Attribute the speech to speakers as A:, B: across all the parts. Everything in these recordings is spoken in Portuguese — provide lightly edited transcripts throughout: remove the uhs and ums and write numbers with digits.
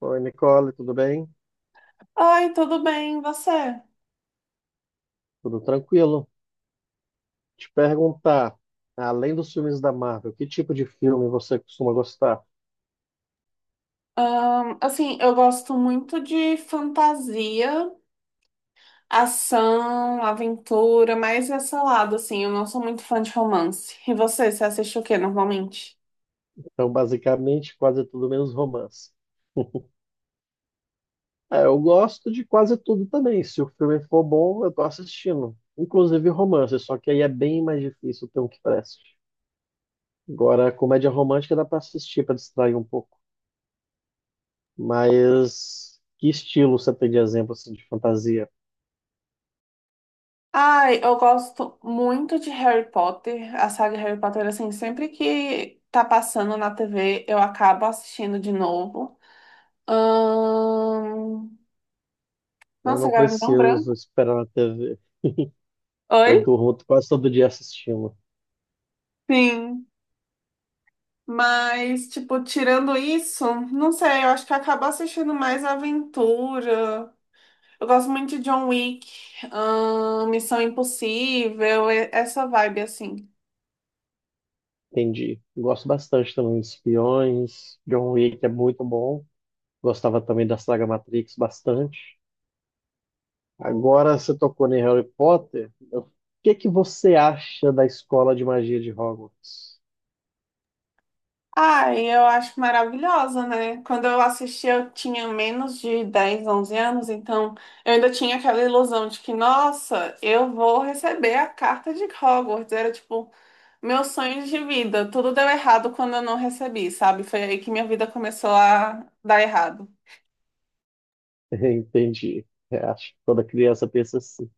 A: Oi, Nicole, tudo bem?
B: Ai, tudo bem, e você?
A: Tudo tranquilo? Te perguntar, além dos filmes da Marvel, que tipo de filme você costuma gostar?
B: Assim, eu gosto muito de fantasia, ação, aventura, mais esse lado, assim, eu não sou muito fã de romance. E você, você assiste o que normalmente?
A: Então, basicamente, quase tudo menos romance. É, eu gosto de quase tudo também. Se o filme for bom, eu tô assistindo. Inclusive romance, só que aí é bem mais difícil ter um que preste. Agora, comédia romântica dá pra assistir, pra distrair um pouco. Mas que estilo você tem de exemplo assim, de fantasia?
B: Ai, eu gosto muito de Harry Potter, a saga Harry Potter, assim, sempre que tá passando na TV, eu acabo assistindo de novo. Ahn,
A: Eu
B: Nossa,
A: não
B: agora me deu um
A: preciso
B: branco.
A: esperar na TV. Eu
B: Oi?
A: durmo quase todo dia assistindo.
B: Sim. Mas, tipo, tirando isso, não sei, eu acho que acabo assistindo mais aventura. Eu gosto muito de John Wick, Missão Impossível, essa vibe assim.
A: Entendi. Gosto bastante também de Espiões. John Wick é muito bom. Gostava também da saga Matrix bastante. Agora você tocou em Harry Potter. O que é que você acha da escola de magia de Hogwarts?
B: Ai, eu acho maravilhosa, né? Quando eu assisti, eu tinha menos de 10, 11 anos, então eu ainda tinha aquela ilusão de que, nossa, eu vou receber a carta de Hogwarts. Era tipo, meus sonhos de vida. Tudo deu errado quando eu não recebi, sabe? Foi aí que minha vida começou a dar errado.
A: Entendi. É, acho que toda criança pensa assim.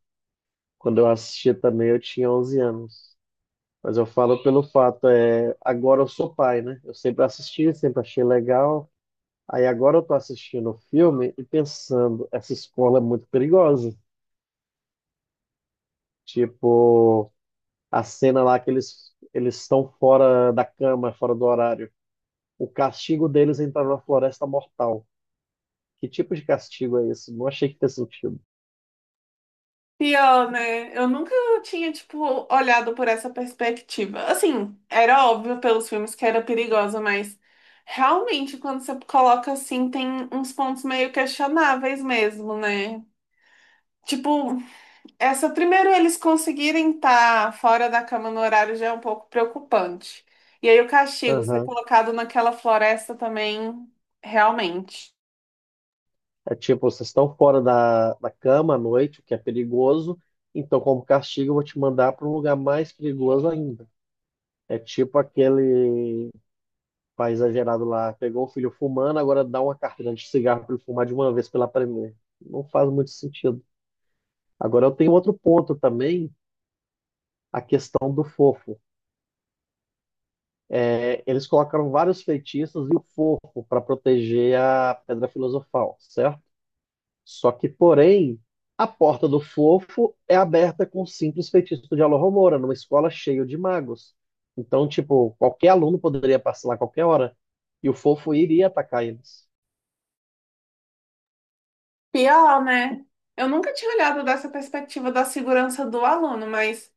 A: Quando eu assistia também, eu tinha 11 anos. Mas eu falo pelo fato, é, agora eu sou pai, né? Eu sempre assisti, sempre achei legal. Aí agora eu tô assistindo o filme e pensando, essa escola é muito perigosa. Tipo, a cena lá que eles estão fora da cama, fora do horário. O castigo deles é entrar na floresta mortal. Que tipo de castigo é esse? Não achei que fez sentido.
B: Pior, né? Eu nunca tinha, tipo, olhado por essa perspectiva. Assim, era óbvio pelos filmes que era perigosa, mas realmente, quando você coloca assim, tem uns pontos meio questionáveis mesmo, né? Tipo, essa primeiro eles conseguirem estar fora da cama no horário já é um pouco preocupante. E aí o castigo ser
A: Aham.
B: colocado naquela floresta também, realmente.
A: É tipo, vocês estão fora da cama à noite, o que é perigoso. Então, como castigo, eu vou te mandar para um lugar mais perigoso ainda. É tipo aquele pai exagerado lá, pegou o filho fumando, agora dá uma carteira de cigarro para ele fumar de uma vez pela primeira. Não faz muito sentido. Agora eu tenho outro ponto também a questão do fofo. É, eles colocaram vários feitiços e o fofo para proteger a pedra filosofal, certo? Só que, porém, a porta do fofo é aberta com um simples feitiço de Alohomora, numa escola cheia de magos. Então, tipo, qualquer aluno poderia passar lá a qualquer hora e o fofo iria atacar eles.
B: Pior, né? Eu nunca tinha olhado dessa perspectiva da segurança do aluno, mas.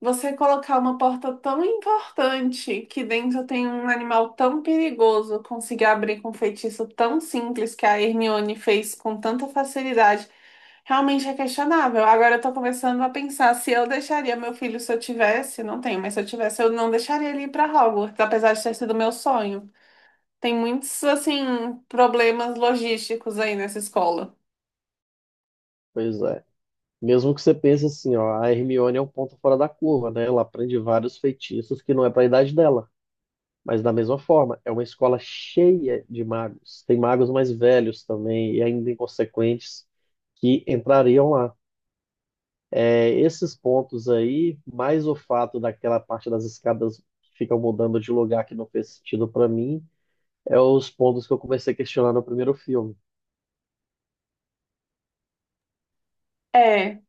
B: Você colocar uma porta tão importante que dentro tem um animal tão perigoso, conseguir abrir com um feitiço tão simples que a Hermione fez com tanta facilidade, realmente é questionável. Agora eu tô começando a pensar se eu deixaria meu filho, se eu tivesse, não tenho, mas se eu tivesse, eu não deixaria ele ir para Hogwarts, apesar de ter sido meu sonho. Tem muitos assim problemas logísticos aí nessa escola.
A: Pois é. Mesmo que você pense assim, ó, a Hermione é um ponto fora da curva, né? Ela aprende vários feitiços que não é para a idade dela. Mas da mesma forma, é uma escola cheia de magos. Tem magos mais velhos também e ainda inconsequentes que entrariam lá. É, esses pontos aí, mais o fato daquela parte das escadas que ficam mudando de lugar que não fez sentido para mim, é os pontos que eu comecei a questionar no primeiro filme.
B: É.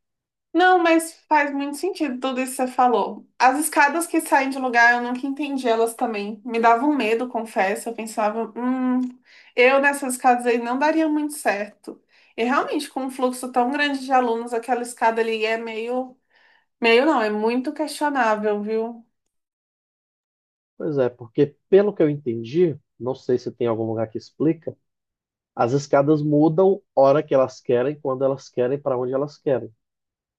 B: Não, mas faz muito sentido tudo isso que você falou. As escadas que saem de lugar, eu nunca entendi elas também. Me davam medo, confesso. Eu pensava, eu nessas escadas aí não daria muito certo. E realmente, com um fluxo tão grande de alunos, aquela escada ali é meio, meio não, é muito questionável, viu?
A: Pois é, porque pelo que eu entendi, não sei se tem algum lugar que explica, as escadas mudam hora que elas querem, quando elas querem, para onde elas querem.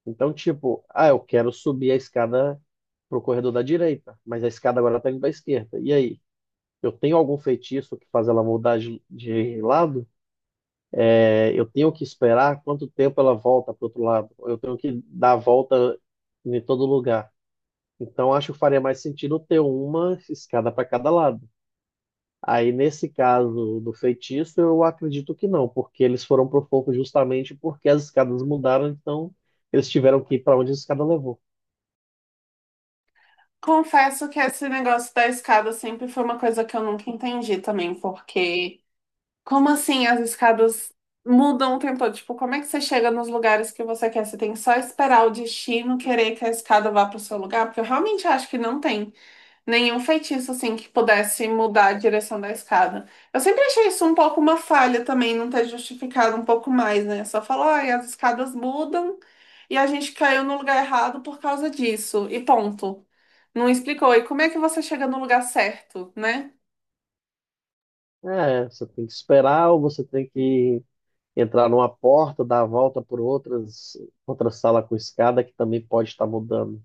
A: Então, tipo, ah, eu quero subir a escada pro corredor da direita, mas a escada agora tá indo pra esquerda. E aí? Eu tenho algum feitiço que faz ela mudar de lado? É, eu tenho que esperar quanto tempo ela volta pro outro lado? Eu tenho que dar a volta em todo lugar. Então, acho que faria mais sentido ter uma escada para cada lado. Aí, nesse caso do feitiço, eu acredito que não, porque eles foram pro fogo justamente porque as escadas mudaram, então eles tiveram que ir para onde a escada levou.
B: Confesso que esse negócio da escada sempre foi uma coisa que eu nunca entendi também, porque como assim as escadas mudam o tempo todo? Tipo, como é que você chega nos lugares que você quer? Você tem que só esperar o destino querer que a escada vá para o seu lugar? Porque eu realmente acho que não tem nenhum feitiço assim que pudesse mudar a direção da escada. Eu sempre achei isso um pouco uma falha também, não ter justificado um pouco mais, né? Só falar, ai, as escadas mudam e a gente caiu no lugar errado por causa disso. E ponto. Não explicou. E como é que você chega no lugar certo, né?
A: É, você tem que esperar ou você tem que entrar numa porta, dar a volta por outras, outra sala com escada que também pode estar mudando.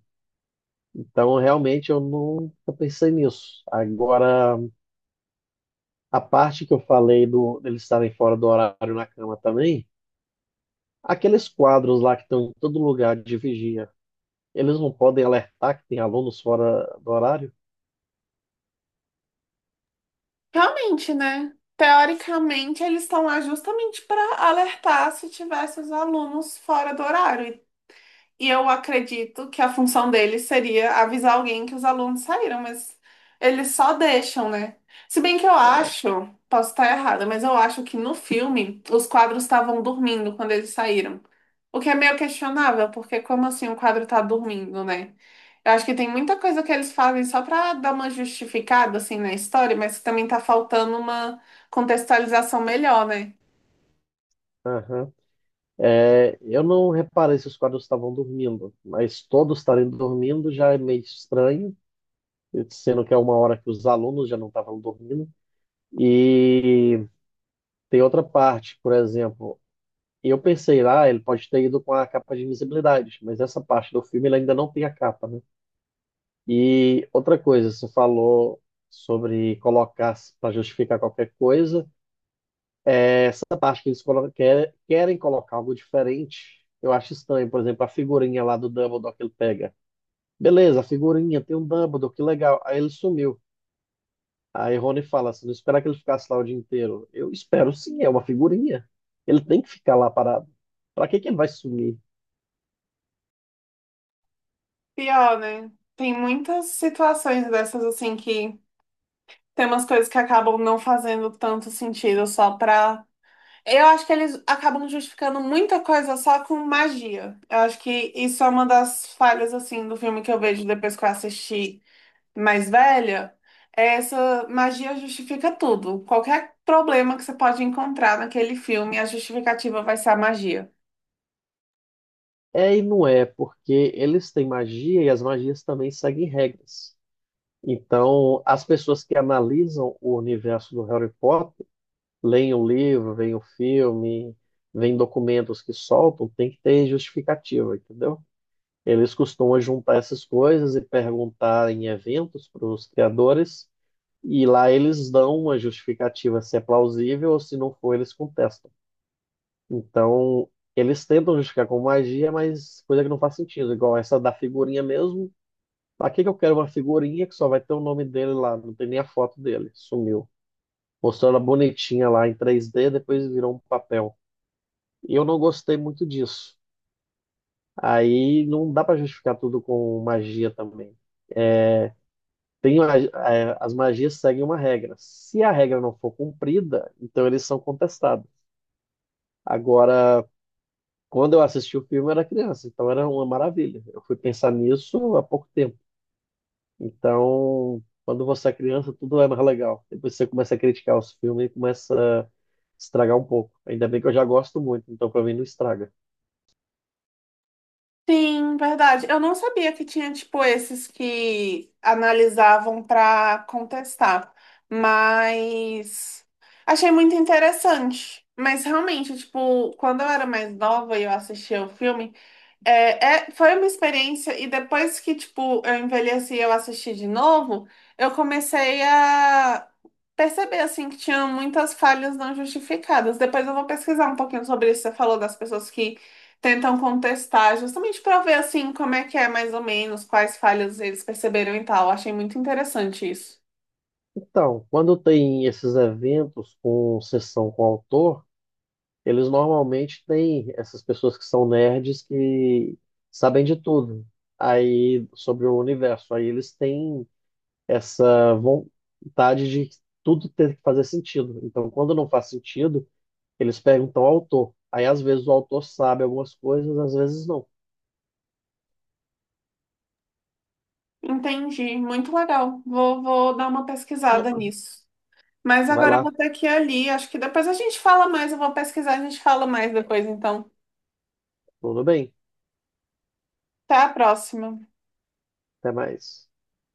A: Então, realmente, eu nunca pensei nisso. Agora, a parte que eu falei do deles estarem fora do horário na cama também, aqueles quadros lá que estão em todo lugar de vigia, eles não podem alertar que tem alunos fora do horário?
B: Realmente, né? Teoricamente, eles estão lá justamente para alertar se tivesse os alunos fora do horário. E eu acredito que a função deles seria avisar alguém que os alunos saíram, mas eles só deixam, né? Se bem que eu acho, posso estar errada, mas eu acho que no filme os quadros estavam dormindo quando eles saíram. O que é meio questionável, porque como assim o quadro tá dormindo, né? Eu acho que tem muita coisa que eles fazem só pra dar uma justificada assim na história, mas que também tá faltando uma contextualização melhor, né?
A: Aham. É, eu não reparei se os quadros estavam dormindo, mas todos estarem dormindo já é meio estranho, sendo que é uma hora que os alunos já não estavam dormindo. E tem outra parte, por exemplo, eu pensei lá, ele pode ter ido com a capa de invisibilidade, mas essa parte do filme ele ainda não tem a capa, né? E outra coisa, você falou sobre colocar para justificar qualquer coisa. Essa parte que eles colocam, querem colocar algo diferente, eu acho estranho. Por exemplo, a figurinha lá do Dumbledore que ele pega. Beleza, a figurinha tem um Dumbledore, que legal. Aí ele sumiu. Aí Rony fala, se não esperar que ele ficasse lá o dia inteiro. Eu espero sim, é uma figurinha. Ele tem que ficar lá parado. Pra que que ele vai sumir?
B: Pior, né? Tem muitas situações dessas assim que tem umas coisas que acabam não fazendo tanto sentido só pra. Eu acho que eles acabam justificando muita coisa só com magia. Eu acho que isso é uma das falhas, assim, do filme que eu vejo depois que eu assisti mais velha. É, essa magia justifica tudo. Qualquer problema que você pode encontrar naquele filme, a justificativa vai ser a magia.
A: É e não é, porque eles têm magia e as magias também seguem regras. Então, as pessoas que analisam o universo do Harry Potter, leem o livro, veem o filme, veem documentos que soltam, tem que ter justificativa, entendeu? Eles costumam juntar essas coisas e perguntar em eventos para os criadores, e lá eles dão uma justificativa se é plausível ou se não for, eles contestam. Então, eles tentam justificar com magia, mas coisa que não faz sentido, igual essa da figurinha mesmo. Pra que que eu quero uma figurinha que só vai ter o nome dele lá? Não tem nem a foto dele, sumiu. Mostrou ela bonitinha lá em 3D depois virou um papel. E eu não gostei muito disso. Aí não dá para justificar tudo com magia também. É, as magias seguem uma regra. Se a regra não for cumprida, então eles são contestados. Agora, quando eu assisti o filme, eu era criança, então era uma maravilha. Eu fui pensar nisso há pouco tempo. Então, quando você é criança, tudo é mais legal. Depois você começa a criticar os filmes e começa a estragar um pouco. Ainda bem que eu já gosto muito, então para mim não estraga.
B: Sim, verdade. Eu não sabia que tinha, tipo, esses que analisavam para contestar, mas achei muito interessante. Mas realmente, tipo, quando eu era mais nova e eu assistia o filme, é, foi uma experiência, e depois que, tipo, eu envelheci e eu assisti de novo, eu comecei a perceber, assim, que tinha muitas falhas não justificadas. Depois eu vou pesquisar um pouquinho sobre isso. Você falou das pessoas que tentam contestar, justamente para ver, assim, como é que é mais ou menos, quais falhas eles perceberam e tal. Achei muito interessante isso.
A: Então, quando tem esses eventos com sessão com autor, eles normalmente têm essas pessoas que são nerds que sabem de tudo aí sobre o universo. Aí eles têm essa vontade de tudo ter que fazer sentido. Então, quando não faz sentido, eles perguntam ao autor. Aí às vezes o autor sabe algumas coisas, às vezes não.
B: Entendi, muito legal. Vou dar uma pesquisada nisso. Mas
A: Vai
B: agora eu vou
A: lá,
B: ter que ir ali. Acho que depois a gente fala mais. Eu vou pesquisar, a gente fala mais depois, então.
A: tudo bem,
B: Até a próxima.
A: até mais.